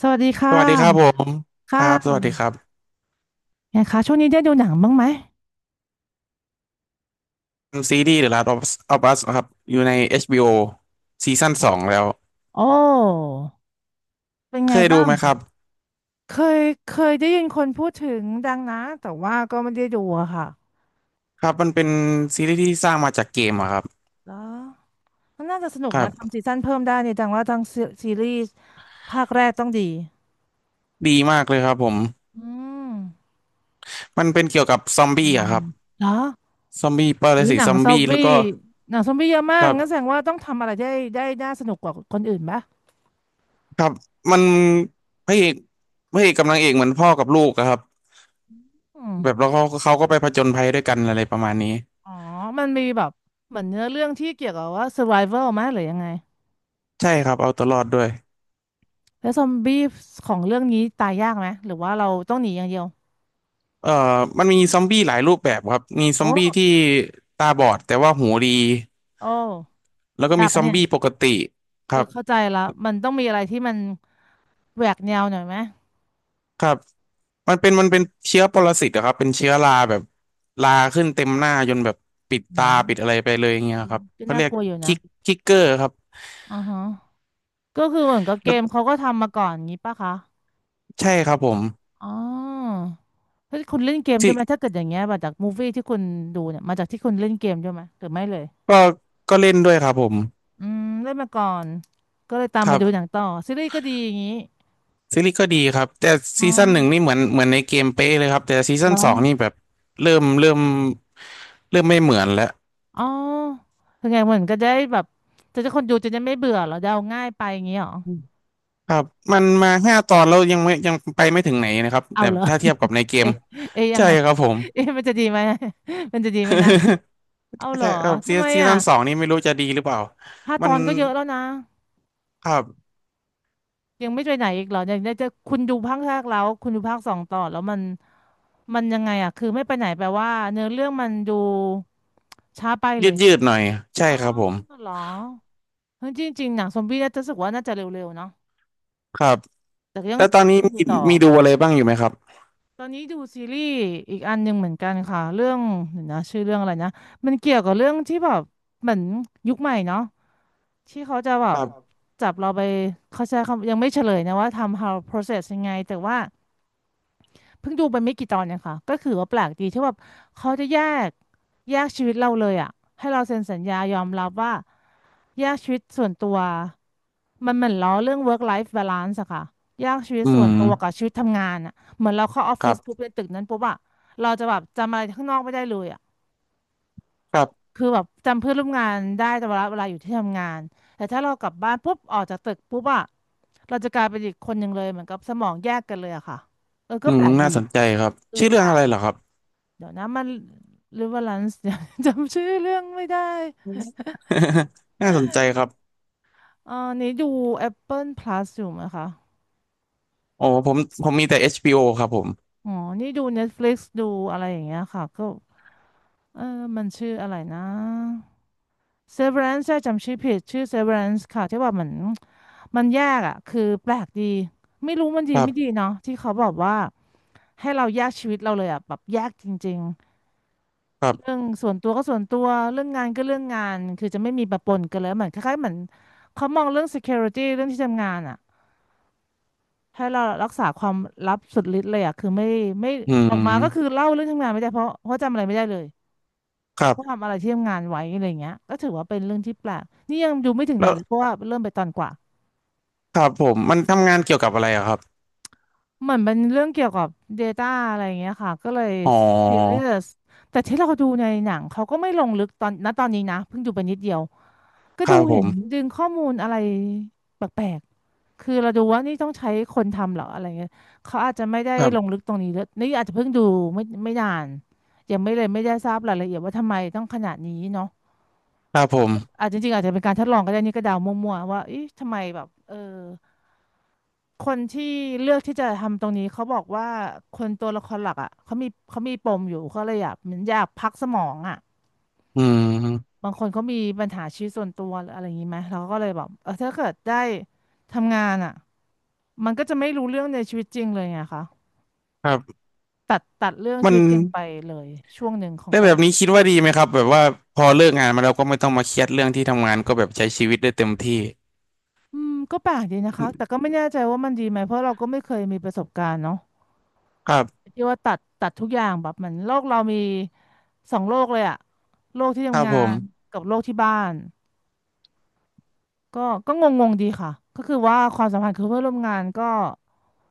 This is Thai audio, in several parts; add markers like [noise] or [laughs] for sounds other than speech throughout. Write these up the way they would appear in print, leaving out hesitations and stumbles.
สวัสดีค่สวัสดีครับผะมคค่รับสวัสดีะครับไงคะช่วงนี้ได้ดูหนังบ้างไหม ซีรีส์ The Last of Us of Us นะครับอยู่ใน HBO ซีซั่นสองแล้วโอ้ เป็นไงเคยดูบ้าง ไหมครับเคยเคยได้ยินคนพูดถึงดังนะ แต่ว่าก็ไม่ได้ดูอะค่ะ ครับมันเป็นซีรีส์ที่สร้างมาจากเกมอะครับแล้วมันน่าจะสนุกครันะทำบซีซั่นเพิ่มได้เนี่ยดังว่าทั้งซีซีรีส์ภาคแรกต้องดี ดีมากเลยครับผมอืมมันเป็นเกี่ยวกับซอมปบี้ระมาณอะครับนั้นเหรอซอมบี้ปรอุ้ยสิหตนัซงอมซอบี้มแล้บี้วก็หนังซอมบี้เยอะมาคกรังั้นแสบดงว่าต้องทำอะไรได้ได้น่าสนุกกว่าคนอื่นปะครับมันพระเอกพระเอกกับนางเอกเหมือนพ่อกับลูกอะครับอืมแบบแล้วเขาก็ไปผจญภัยด้วยกันอะไรประมาณนี้อ๋อ มันมีแบบเหมือนเนื้อเรื่องที่เกี่ยวกับว่า survival ไหมหรือยังไง ใช่ครับเอาตัวรอดด้วย แล้วซอมบี้ของเรื่องนี้ตายยากไหมหรือว่าเราต้องหนีอย่างเดียวเอ่อมันมีซอมบี้หลายรูปแบบครับมีซโอ้อมบี้ที่ตาบอดแต่ว่าหูดีโอ้แล้วก็ยามีกซอะอมเนี่ยบี้ปกติคเออรับเข้าใจละมันต้องมีอะไรที่มันแหวกแนวหน่อยไหมครับมันเป็นเชื้อปรสิตอะครับ เป็นเชื้อราแบบราขึ้นเต็มหน้าจนแบบปิดเหรตาปิดออะไรไปเลยอย่างเงี้ยครับก็เขาน่าเรียกกลัวอยู่คินะกคิกเกอร์ครับอือฮะก็คือเหมือนกับเกแล้วมเขาก็ทำมาก่อนงี้ป่ะคะใช่ครับผมอ๋อเฮ้ยคุณเล่นเกมใช่ไหมถ้าที่เกิดอย่างเงี้ยมาจากมูฟวี่ที่คุณดูเนี่ยมาจากที่คุณเล่นเกมใช่ไหมหรือไม่เลยก็ก็เล่นด้วยครับผมอืมเล่นมาก่อนก็เลยตามคมารัดูหนังบต่อซีรีส์ก็ดีอย่างงี้ซีรีส์ก็ดีครับแต่อ๋อซีซั่นหนึ่งนี่เหมือนเหมือนในเกมเป๊ะเลยครับแต่ซีเหซั่รนอ สองนี่แบบเริ่มเริ่มเริ่มไม่เหมือนแล้ว อ๋อคือไงเหมือนก็จะได้แบบจะได้คนดูจะได้ไม่เบื่อเหรอจะเอาง่ายไปอย่างงี้เหรอครับมันมาห้าตอนแล้วยังไม่ยังไปไม่ถึงไหนนะครับเอาแต่เหรอ ถ้าเทียบกั [laughs] บในเกมเอ๊ะเอ๊ะยังใช่ไงครับผม เอ๊ะมันจะดีไหม [laughs] มันจะดีไหมนะ [laughs] เอาเหรใช่อครับซีทำไมซีอ่ะซั่นสองนี่ไม่รู้จะดีหรือเปล่าห้าตมันอนก็เยอะแล้วนะครับยังไม่ไปไหนอีกเหรอยังได้จะคุณดูภาคแรกแล้วคุณดูภาคสองต่อแล้วมันมันยังไงอ่ะคือไม่ไปไหนแปลว่าเนื้อเรื่องมันดูช้าไปเลยืดยยืดหน่อยใช่อ๋อครับผมเหรอเฮ้ยจริงๆหนังซอมบี้น่าจะรู้สึกว่าน่าจะเร็วๆเนาะครับแต่ก็ยังแล้วตอนนี้ต้องดูมีต่อ มีดูอะไรบ้างอยู่ไหมครับตอนนี้ดูซีรีส์อีกอันหนึ่งเหมือนกันค่ะเรื่องเดี๋ยวนะชื่อเรื่องอะไรนะมันเกี่ยวกับเรื่องที่แบบเหมือนยุคใหม่เนาะที่เขาจะแบคบรัครับบจับเราไปเขาใช้คำยังไม่เฉลยนะว่าทำ how process ยังไงแต่ว่า เพิ่งดูไปไม่กี่ตอนเนี่ยค่ะ ก็คือว่าแปลกดีที่แบบเขาจะกแยกชีวิตเราเลยอ่ะ ให้เราเซ็นสัญญายอมรับว่าแยกชีวิตส่วนตัว มันเหมือนล้อเรื่อง work life balance อะค่ะ แยกชีวิตอืส่วนมตัวกับชีวิตทำงานอะเหมือนเราเข้าออฟคฟิรัศปุ๊บบในตึกนั้นปุ๊บอะเราจะแบบจำอะไรข้างนอกไม่ได้เลยอะครับคือแบบจำเพื่อนร่วมงานได้แต่เวลาอยู่ที่ทำงานแต่ถ้าเรากลับบ้านปุ๊บออกจากตึกปุ๊บอะเราจะกลายเป็นอีกคนหนึ่งเลยเหมือนกับสมองแยกกันเลยอะค่ะเออก็อืแปมลกดีน่าสนใจครับเออชื่อแปเรื่อล งอะไรเหรอครับ เดี๋ยวนะมันริเวอรลันซ์เดี๋ยว [laughs] จำชื่อเรื่องไม่ได้ [laughs] น่าสนใจครับนี่ดู Apple Plus อยู่ไหมคะโอ้ผมมีแต่ h โ o ครับผมอ๋อนี่ดู Netflix ดูอะไรอย่างเงี้ยค่ะก็เออมันชื่ออะไรนะ Severance ใช่จำชื่อผิดชื่อ Severance ค่ะที่ว่าเหมือนมันแยกอ่ะคือแปลกดีไม่รู้มันดีครัไม่ดีบเนาะที่เขาบอกว่าให้เราแยกชีวิตเราเลยอ่ะแบบแยกจริง ครัเรื่อบงส่วนตัวก็ส่วนตัวเรื่องงานก็เรื่องงานคือจะไม่มีปะปนกันเลยเหมือนคล้ายๆเหมือนเขามองเรื่อง security เรื่องที่ทำงานอ่ะให้เรารักษาความลับสุดฤทธิ์เลยอ่ะคือไม่ไม่อืออมกมาก็คือเล่าเรื่องทำงานไม่ได้เพราะจำอะไรไม่ได้เลยครัว่าบทำอะไรที่ทำงานไว้อะไรเงี้ยก็ถือว่าเป็นเรื่องที่แปลกนี่ยังดูไม่ถึงไหนแล้วเลยเพราะว่าเริ่มไปตอนกว่าครับผมมันทำงานเกี่ยวกับอะไรอะครับ เหมือนเป็นเรื่องเกี่ยวกับ Data อะไรอย่างเงี้ยค่ะก็เลย อ๋ s e เร o อยสแต่ที่เราดูในหนังเขาก็ไม่ลงลึกตอนณตอนนี้นะเพิ่งดูไปนิดเดียว ก็คดูรับผเห็นม ดึงข้อมูลอะไรแปลกๆคือเราดูว่านี่ต้องใช้คนทำเหรออะไรเงี้ยเขาอาจจะไม่ได้ครัลงบลึกตรงนี้เลยนี่อาจจะเพิ่งดูไม่นานยังไม่เลยไม่ได้ทราบรายละเอียดว่าทำไมต้องขนาดนี้เนาะครับผมอาจจริงๆอาจจะเป็นการทดลองก็ได้นี่ก็เดามั่วๆว่าเอ๊ะทำไมแบบเออคนที่เลือกที่จะทำตรงนี้เขาบอกว่าคนตัวละครหลักอ่ะเขามีปมอยู่เขาเลยอยากเหมือนอยากพักสมองอ่ะ อืมบางคนเขามีปัญหาชีวิตส่วนตัวหรืออะไรอย่างนี้ไหมเราก็เลยบอกเออถ้าเกิดได้ทำงานอ่ะมันก็จะไม่รู้เรื่องในชีวิตจริงเลยไงคะครับตัดเรื่องมัชีนวิตจริงไปเลยช่วงหนึ่งของได้กาแบรทบนี้คิดว่าดีไหมครับแบบว่าพอเลิกงานมาแล้วก็ไม่ต้องมาเครียดเรื่องที่ทำงานก็แบบใช้ชีวิตได้เต็มที่ ำอืมก็แปลกดีนะคะแต่ก็ไม่แน่ใจว่ามันดีไหมเพราะเราก็ไม่เคยมีประสบการณ์เนาะครับที่ว่าตัดทุกอย่างแบบเหมือนโลกเรามีสองโลกเลยอะโลกที่ครับทำงาผนมกับโลกที่บ้านก็ก็งงๆดีค่ะก็คือว่าความสัมพันธ์คือเพื่อนร่วมงานก็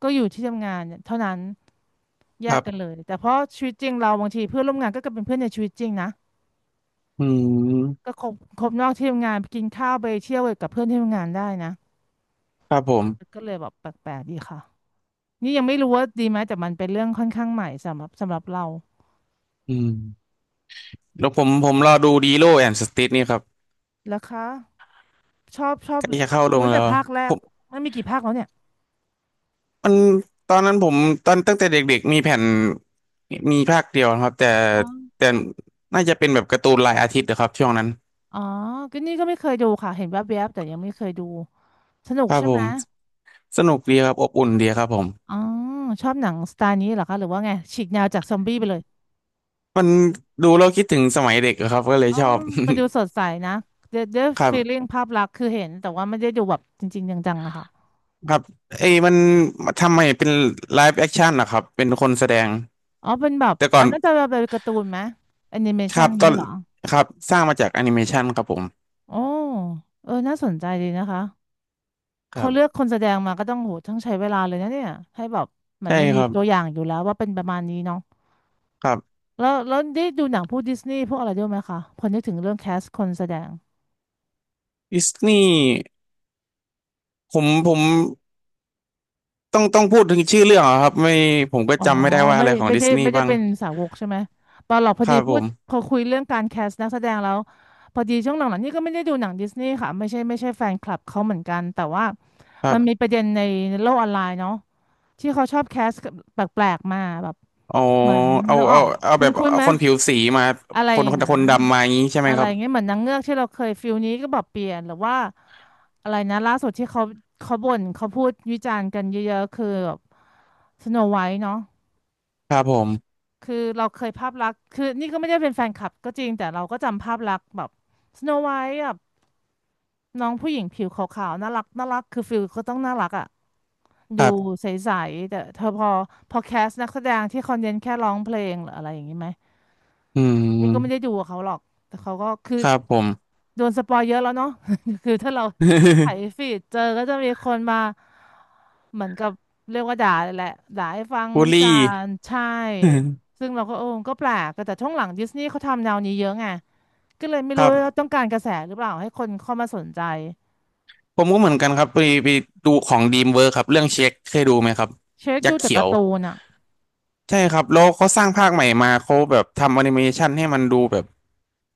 ก็อยู่ที่ทำงานเท่านั้น แยครักกันเลบยแต่เพราะชีวิตจริงเราบางทีเพื่อนร่วมงานก็เป็นเพื่อนในชีวิตจริงนะอืมก็คบนอกที่ทำงานไปกินข้าวไปเที่ยวกับเพื่อนที่ทำงานได้นะครับผมก็เลยแบบแปลกๆดีค่ะนี่ยังไม่รู้ว่าดีไหมแต่มันเป็นเรื่องค่อนข้างใหม่สำหรับเราอืมแล้วผมรอดูดีโลแอนสติทนี่ครับแล้วคะชอบใกล้จะเข้าลรู้งแล้แต่วภาคแรผกมมันมีกี่ภาคแล้วเนี่ยมันตอนนั้นผมตอนตั้งแต่เด็กๆมีแผ่นมีภาคเดียวนะครับแต่อ๋อแต่น่าจะเป็นแบบการ์ตูนรายอาทิตย์นะครับช่วงนั้นอ๋อก็นี่ก็ไม่เคยดูค่ะเห็นแวบๆแต่ยังไม่เคยดูสนุกครับใช่ผไหมม สนุกดีครับอบอุ่นดีครับผมอ๋อชอบหนังสไตล์นี้เหรอคะหรือว่าไงฉีกแนวจากซอมบี้ไปเลย มันดูเราคิดถึงสมัยเด็กอะครับก็เลยอ๋อชอบ มันดูสดใสนะเดด [laughs] ครัฟีลิ่งบภาพลักษณ์คือเห็น แต่ว่าไม่ได้ดูแบบจริงๆจังๆอะค่ะ ครับเอ้ยมันทำไมเป็นไลฟ์แอคชั่นนะครับเป็นคนแสดงอ๋อเป็นแบบแต่ก่ออันนนั้นจะเป็นการ์ตูนไหมแอนิเมคชันรับตอนี้นเหรอครับสร้างมาจากแอนิเมชันครับผมโอ้เออน่าสนใจดีนะคะคเขารับเลือกคนแสดงมาก็ต้องโหต้องใช้เวลาเลยนะเนี่ยให้แบบเหมันใช่ไม่คมีรับตัวอย่างอยู่แล้วว่าเป็นประมาณนี้เนาะครับแล้วได้ดูหนังพวกดิสนีย์พวกอะไรด้วยไหมคะพอนึกถึงเรื่องแคสคนแสดง ดิสนีย์ผมต้องพูดถึงชื่อเรื่องเหรอครับไม่ผมก็อ๋อจำไม่ได้ว่าไม่อะไรของไม่ดิใช่สนีไม่ย์ใช่บ้างเป็นสาวกใช่ไหมตอนหลอกพอคดีรับผพูดมพอคุยเรื่องการแคสต์นักแสดงแล้วพอดีช่วงหลังๆนี่ก็ไม่ได้ดูหนังดิสนีย์ค่ะไม่ใช่แฟนคลับเขาเหมือนกันแต่ว่าครัมันมีบประเด็นในโลกออนไลน์เนาะที่เขาชอบแคสต์แปลกๆมาแบบเอาเหมือนเอานึกออเอากเอาแบคุ้นบคุ้นเอาไหมคนผิวสีมาอะไรคนอย่าคงนนั้คนนดำมาอย่างนี้ใช่ไหมอะไรครับเงี้ยเหมือนนางเงือกที่เราเคยฟิลนี้ก็แบบเปลี่ยนหรือว่าอะไรนะล่าสุดที่เขาบ่นเขาพูดวิจารณ์กันเยอะๆคือแบบสโนไวท์เนาะ ครับผม คือเราเคยภาพลักษณ์คือนี่ก็ไม่ได้เป็นแฟนคลับก็จริงแต่เราก็จำภาพลักษณ์แบบสโนไวท์แบบน้องผู้หญิงผิวขาวๆน่ารักคือฟิลก็ต้องน่ารักอ่ะคดูรับใสๆแต่เธอพอแคสนักแสดงที่เขาเน้นแค่ร้องเพลงหรืออะไรอย่างนี้ไหม อืนี่ก็ไม่ได้มดูกับเขาหรอก แต่เขาก็คือครับผม โดนสปอยเยอะแล้วเนาะ [laughs] คือถ้าเราไถ [laughs] ฟีดเจอก็จะมีคนมาเหมือนกับเรียกว่าด่าเลยแหละด่าให้ฟังบุลวิจาลี่ รณ์ใช่ [laughs] ซึ่งเราก็เออก็แปลก แต่ช่วงหลังดิสนีย์เขาทำแนวนี้เยอะไง ก็เลยไม่ครู้รัว่าบต้องการกระแสหรือเปล่าให้คนเข้ามาสนใจ ผมก็เหมือนกันครับไปดูของดีมเวิร์ครับเรื่องเช็คเคยดูไหมครับ เช็คยัดูกษ์แต่เขียกาว ร์ตูนอ่ะใช่ครับแล้วเขาสร้างภาคใหม่มาเขาแบบทำแอนิเมชันให้มันดูแบบ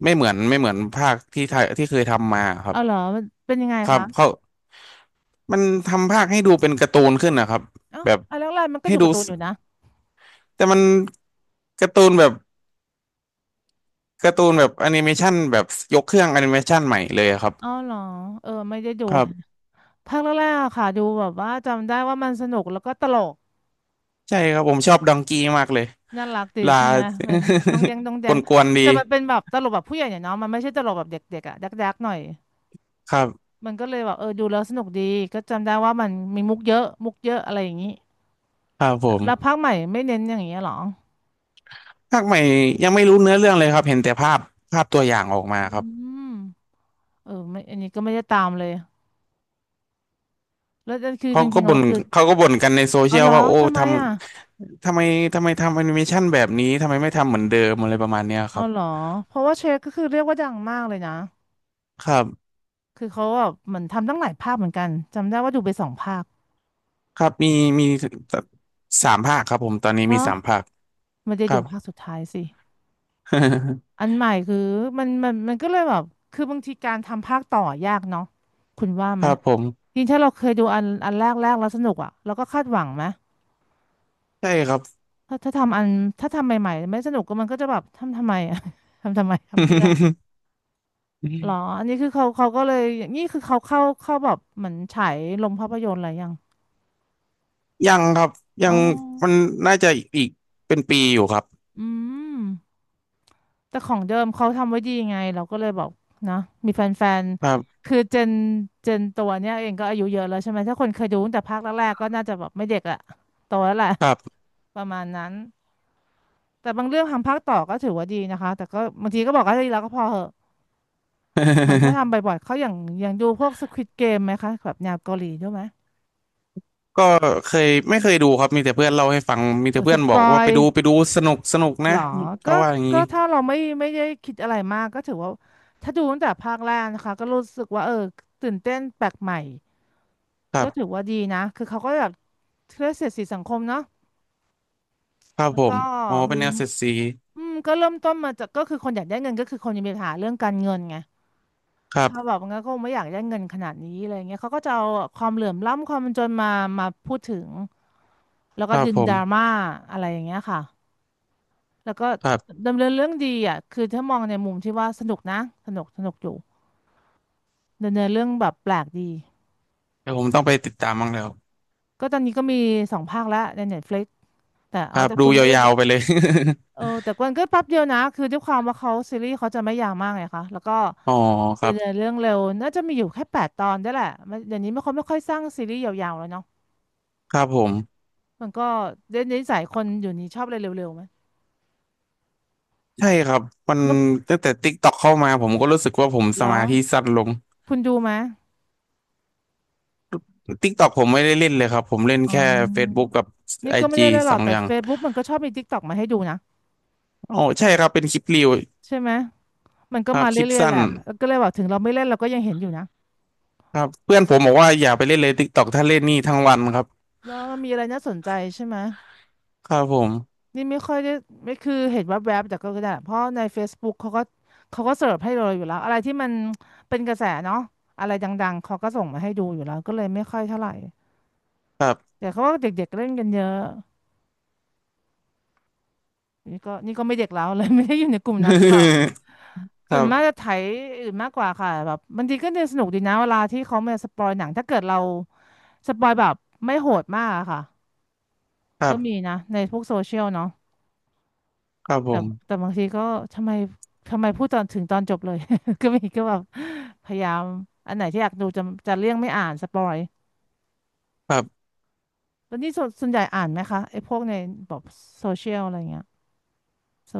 ไม่เหมือนภาคที่ไทยที่เคยทำมาครับเอาเหรอมันเป็นยังไงครับคะเขามันทำภาคให้ดูเป็นการ์ตูนขึ้นนะครับเอ้าแบบอันแรกๆมันก็ให้ดูดูการ์ตูสนอยู่นะแต่มันการ์ตูนแบบการ์ตูนแบบแอนิเมชันแบบยกเครื่องแอนิเมชันใหม่เลยครับอ๋อเหรอเออไม่ได้ดู ครับ ภาคแรกๆอะค่ะดูแบบว่าจำได้ว่ามันสนุกแล้วก็ตลกใช่ครับผมชอบดองกี้มากเลยน่ารักดีลา ใช่ไหมมันดองแดงดอง [laughs] แดกงวนๆดีแต่มันเป็นแบบตลกแบบผู้ใหญ่เนี่ยเนาะมันไม่ใช่ตลกแบบเด็กๆอะดักดักๆหน่อยครับมันก็เลยแบบเออดูแล้วสนุกดีก็จำได้ว่ามันมีมุกเยอะอะไรอย่างนี้ครับผแล้วภามคใหม่ไม่เน้นอย่างเงี้ยเหรอภาคใหม่ยังไม่รู้เนื้อเรื่องเลยครับเห็นแต่ภาพภาพตัวอย่างออกมาอืครับมเออไม่อันนี้ก็ไม่ได้ตามเลยแล้วนั่นคือจเขาก็ริงๆบ่เรานคือเขาก็บ่นกันในโซเชีเอายลเหรอว่าโอ้ทำไมทอ่ะำทำไมทำแอนิเมชันแบบนี้ทำไมไม่ทำเหมือนเดิมอะไรประมาณเนี้ยคเอารับเหรอเพราะว่าเชฟก็คือเรียกว่าดังมากเลยนะครับคือเขาแบบเหมือนทำตั้งหลายภาคเหมือนกันจำได้ว่าดูไปสองภาคครับมีมีสามภาคครับผมตอนนี้มีเนาะ สามภาคมันจะคอรัยู่บ ภาคสุดท้ายสิอั [laughs] นใหม่คือมันก็เลยแบบคือบางทีการทำภาคต่อยากเนาะคุณว่าคไหมรับผมจริงถ้าเราเคยดูอันแรกแล้วสนุกอ่ะเราก็คาดหวังไหมใช่ครับ ถ้าทำอันถ้าทำใหม่ๆไม่สนุกก็มันก็จะแบบทำทำไมอ่ะ [laughs] ทำทำไมทำเพื่อหรอ [laughs] อันนี้คือเขาก็เลยนี่คือเขาเข้าแบบเหมือนฉายลงภาพยนตร์อะไรยังยังครับยัอ๋องมันน่าจะอีกเป็นปีอยู่ครับอืม แต่ของเดิมเขาทำไว้ดีไงเราก็เลยบอกนะมีแฟนครับๆคือเจนตัวเนี้ยเองก็อายุเยอะแล้วใช่ไหมถ้าคนเคยดูตั้งแต่ภาคแรกๆก็น่าจะแบบไม่เด็กละโตแล้วแหละครับ ประมาณนั้นแต่บางเรื่องทำภาคต่อก็ถือว่าดีนะคะแต่ก็บางทีก็บอกว่าดีแล้วก็พอเหอะเหมือนถ้าทำ [laughs] บ่อยๆเขาอย่างดูพวก Squid Game ไหมคะแบบแนวเกาหลีด้วยไหมก็เคยไม่เคยดูครับมีแต่เพื่อนเล่าให้ฟังมีแต่โอ้สเพื่อนบปอกอว่ายไปดูไปดูสนุกสนุกเหรนะอก็เขาว่าอย่างก็นี้ถ้าเราไม่ได้คิดอะไรมากก็ถือว่าถ้าดูตั้งแต่ภาคแรกนะคะก็รู้สึกว่าเออตื่นเต้นแปลกใหม่ ครัก็ถือบว่าดีนะคือเขาก็แบบเครื่เสียดสีสังคมเนาะครับแล้วผก็มอ๋อเป็มีนแนวเซตซีอืมก็เริ่มต้นมาจากก็คือคนอยากได้เงินก็คือคนยังมีปัญหาเรื่องการเงินไงครัถ้าแบบบงั้นก็คงไม่อยากได้เงินขนาดนี้อะไรเงี้ยเขาก็จะเอาความเหลื่อมล้ำความจนมามาพูดถึงแล้วคก็รับดึงผดราม่ามอะไรอย่างเงี้ยค่ะแล้วก็ครับดำเนินเรื่องดีอ่ะคือถ้ามองในมุมที่ว่าสนุกนะสนุกอยู่ดำเนินเรื่องแบบแปลกดีเดี๋ยวผมต้องไปติดตามบ้างแล้วก็ตอนนี้ก็มีสองภาคแล้วใน Netflix แต่คเอารับแต่ดูคุณไม่ได้ ยาวๆไปเลย เออแต่มันก็แป๊บเดียวนะคือด้วยความว่าเขาซีรีส์เขาจะไม่ยาวมากไงคะแล้วก็ [laughs] อ๋อครัดำบเนินเรื่องเร็วน่าจะมีอยู่แค่8 ตอนได้แหละมันเดี๋ยวนี้ไม่ค่อยสร้างซีรีส์ยาวๆแล้วเนาะครับผมมันก็เดี๋ยวนี้สายคนอยู่นี้ชอบอะไรเร็วๆไหมใช่ครับมันเมื่อตั้งแต่ติ๊กต็อกเข้ามาผมก็รู้สึกว่าผมเหสรอมาธิสั้นลง คุณดูไหมติ๊กตอกผมไม่ได้เล่นเลยครับผมเล่นอ๋อแค่ Facebook กับนี่ไอก็ไม่ได้จีเลยหรสออกงแต่ อย่าง Facebook มันก็ชอบมี TikTok มาให้ดูนะโอ้ใช่ครับเป็นคลิปรีวใช่ไหมมันก็ครับมาคลิปเรื่อยๆสั้แหนละก็เลยบอกถึงเราไม่เล่นเราก็ยังเห็นอยู่นะครับเพื่อนผมบอกว่าอย่าไปเล่นเลยติ๊กตอกถ้าเล่นนี่ทั้งวันครับแล้วมันมีอะไรน่าสนใจใช่ไหม ครับผมนี่ไม่ค่อยได้ไม่คือเห็นแวบๆแต่ก็ได้เพราะใน Facebook เขาก็เสิร์ฟให้เราอยู่แล้วอะไรที่มันเป็นกระแสเนาะอะไรดังๆเขาก็ส่งมาให้ดูอยู่แล้วก็เลยไม่ค่อยเท่าไหร่ครับ แต่เขาว่าเด็กๆเล่นกันเยอะนี่ก็ไม่เด็กแล้วเลย [laughs] ไม่ได้อยู่ในกลุ่มนั้นหรือเปล่า [laughs] คส่รัวนมากจะบไถอื่นมากกว่าค่ะแบบบางทีก็เนี่ยสนุกดีนะเวลาที่เขามาสปอยหนังถ้าเกิดเราสปอยแบบไม่โหดมากอะค่ะครัก็มีบนะในพวกโซเชียลเนาะ ครับผแต่มแต่บางทีก็ทำไมทำไมพูดตอนถึงตอนจบเลย [laughs] ก็มีก็แบบพยายามอันไหนที่อยากดูจะเลี่ยงไม่อ่านสปอยครับแล้วนี่ส่วนใหญ่อ่านไหมคะไอ้พวกในแบบโซเชียลอะไรเงี้ยโ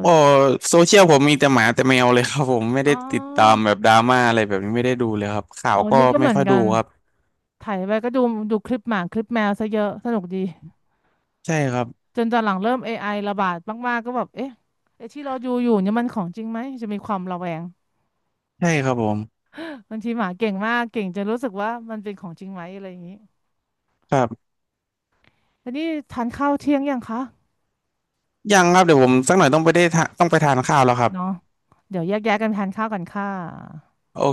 โอ้โซเชียลผมมีแต่หมาแต่แมวเลยครับผมไม่อ๋ได้ติดตามอแบบดราม่าอะไรแบบนี้ไม่ได้ดูเลยครับข่าอ๋วอก็นี่ก็เหไม่มือนค่อยกัดูนครับไถ่ายไปก็ดูดูคลิปหมาคลิปแมวซะเยอะสนุกดีใช่ครับจนตอนหลังเริ่ม AI ระบาดมากๆก็แบบเอ๊ะไอ้ที่เราดูอยู่เนี่ยมันของจริงไหมจะมีความระแวงใช่ครับผมบางทีหมาเก่งมากเก่งจนรู้สึกว่ามันเป็นของจริงไหมอะไรอย่างนี้ครับแล้วนี่ทานข้าวเที่ยงยังคะ ยังครับเดี๋ยวผมสักหน่อยต้องไปได้ทะต้องไปทานข้าวแล้วครับเนาะเดี๋ยวแยกย้ายกันทานข้าวกันค่ะโอ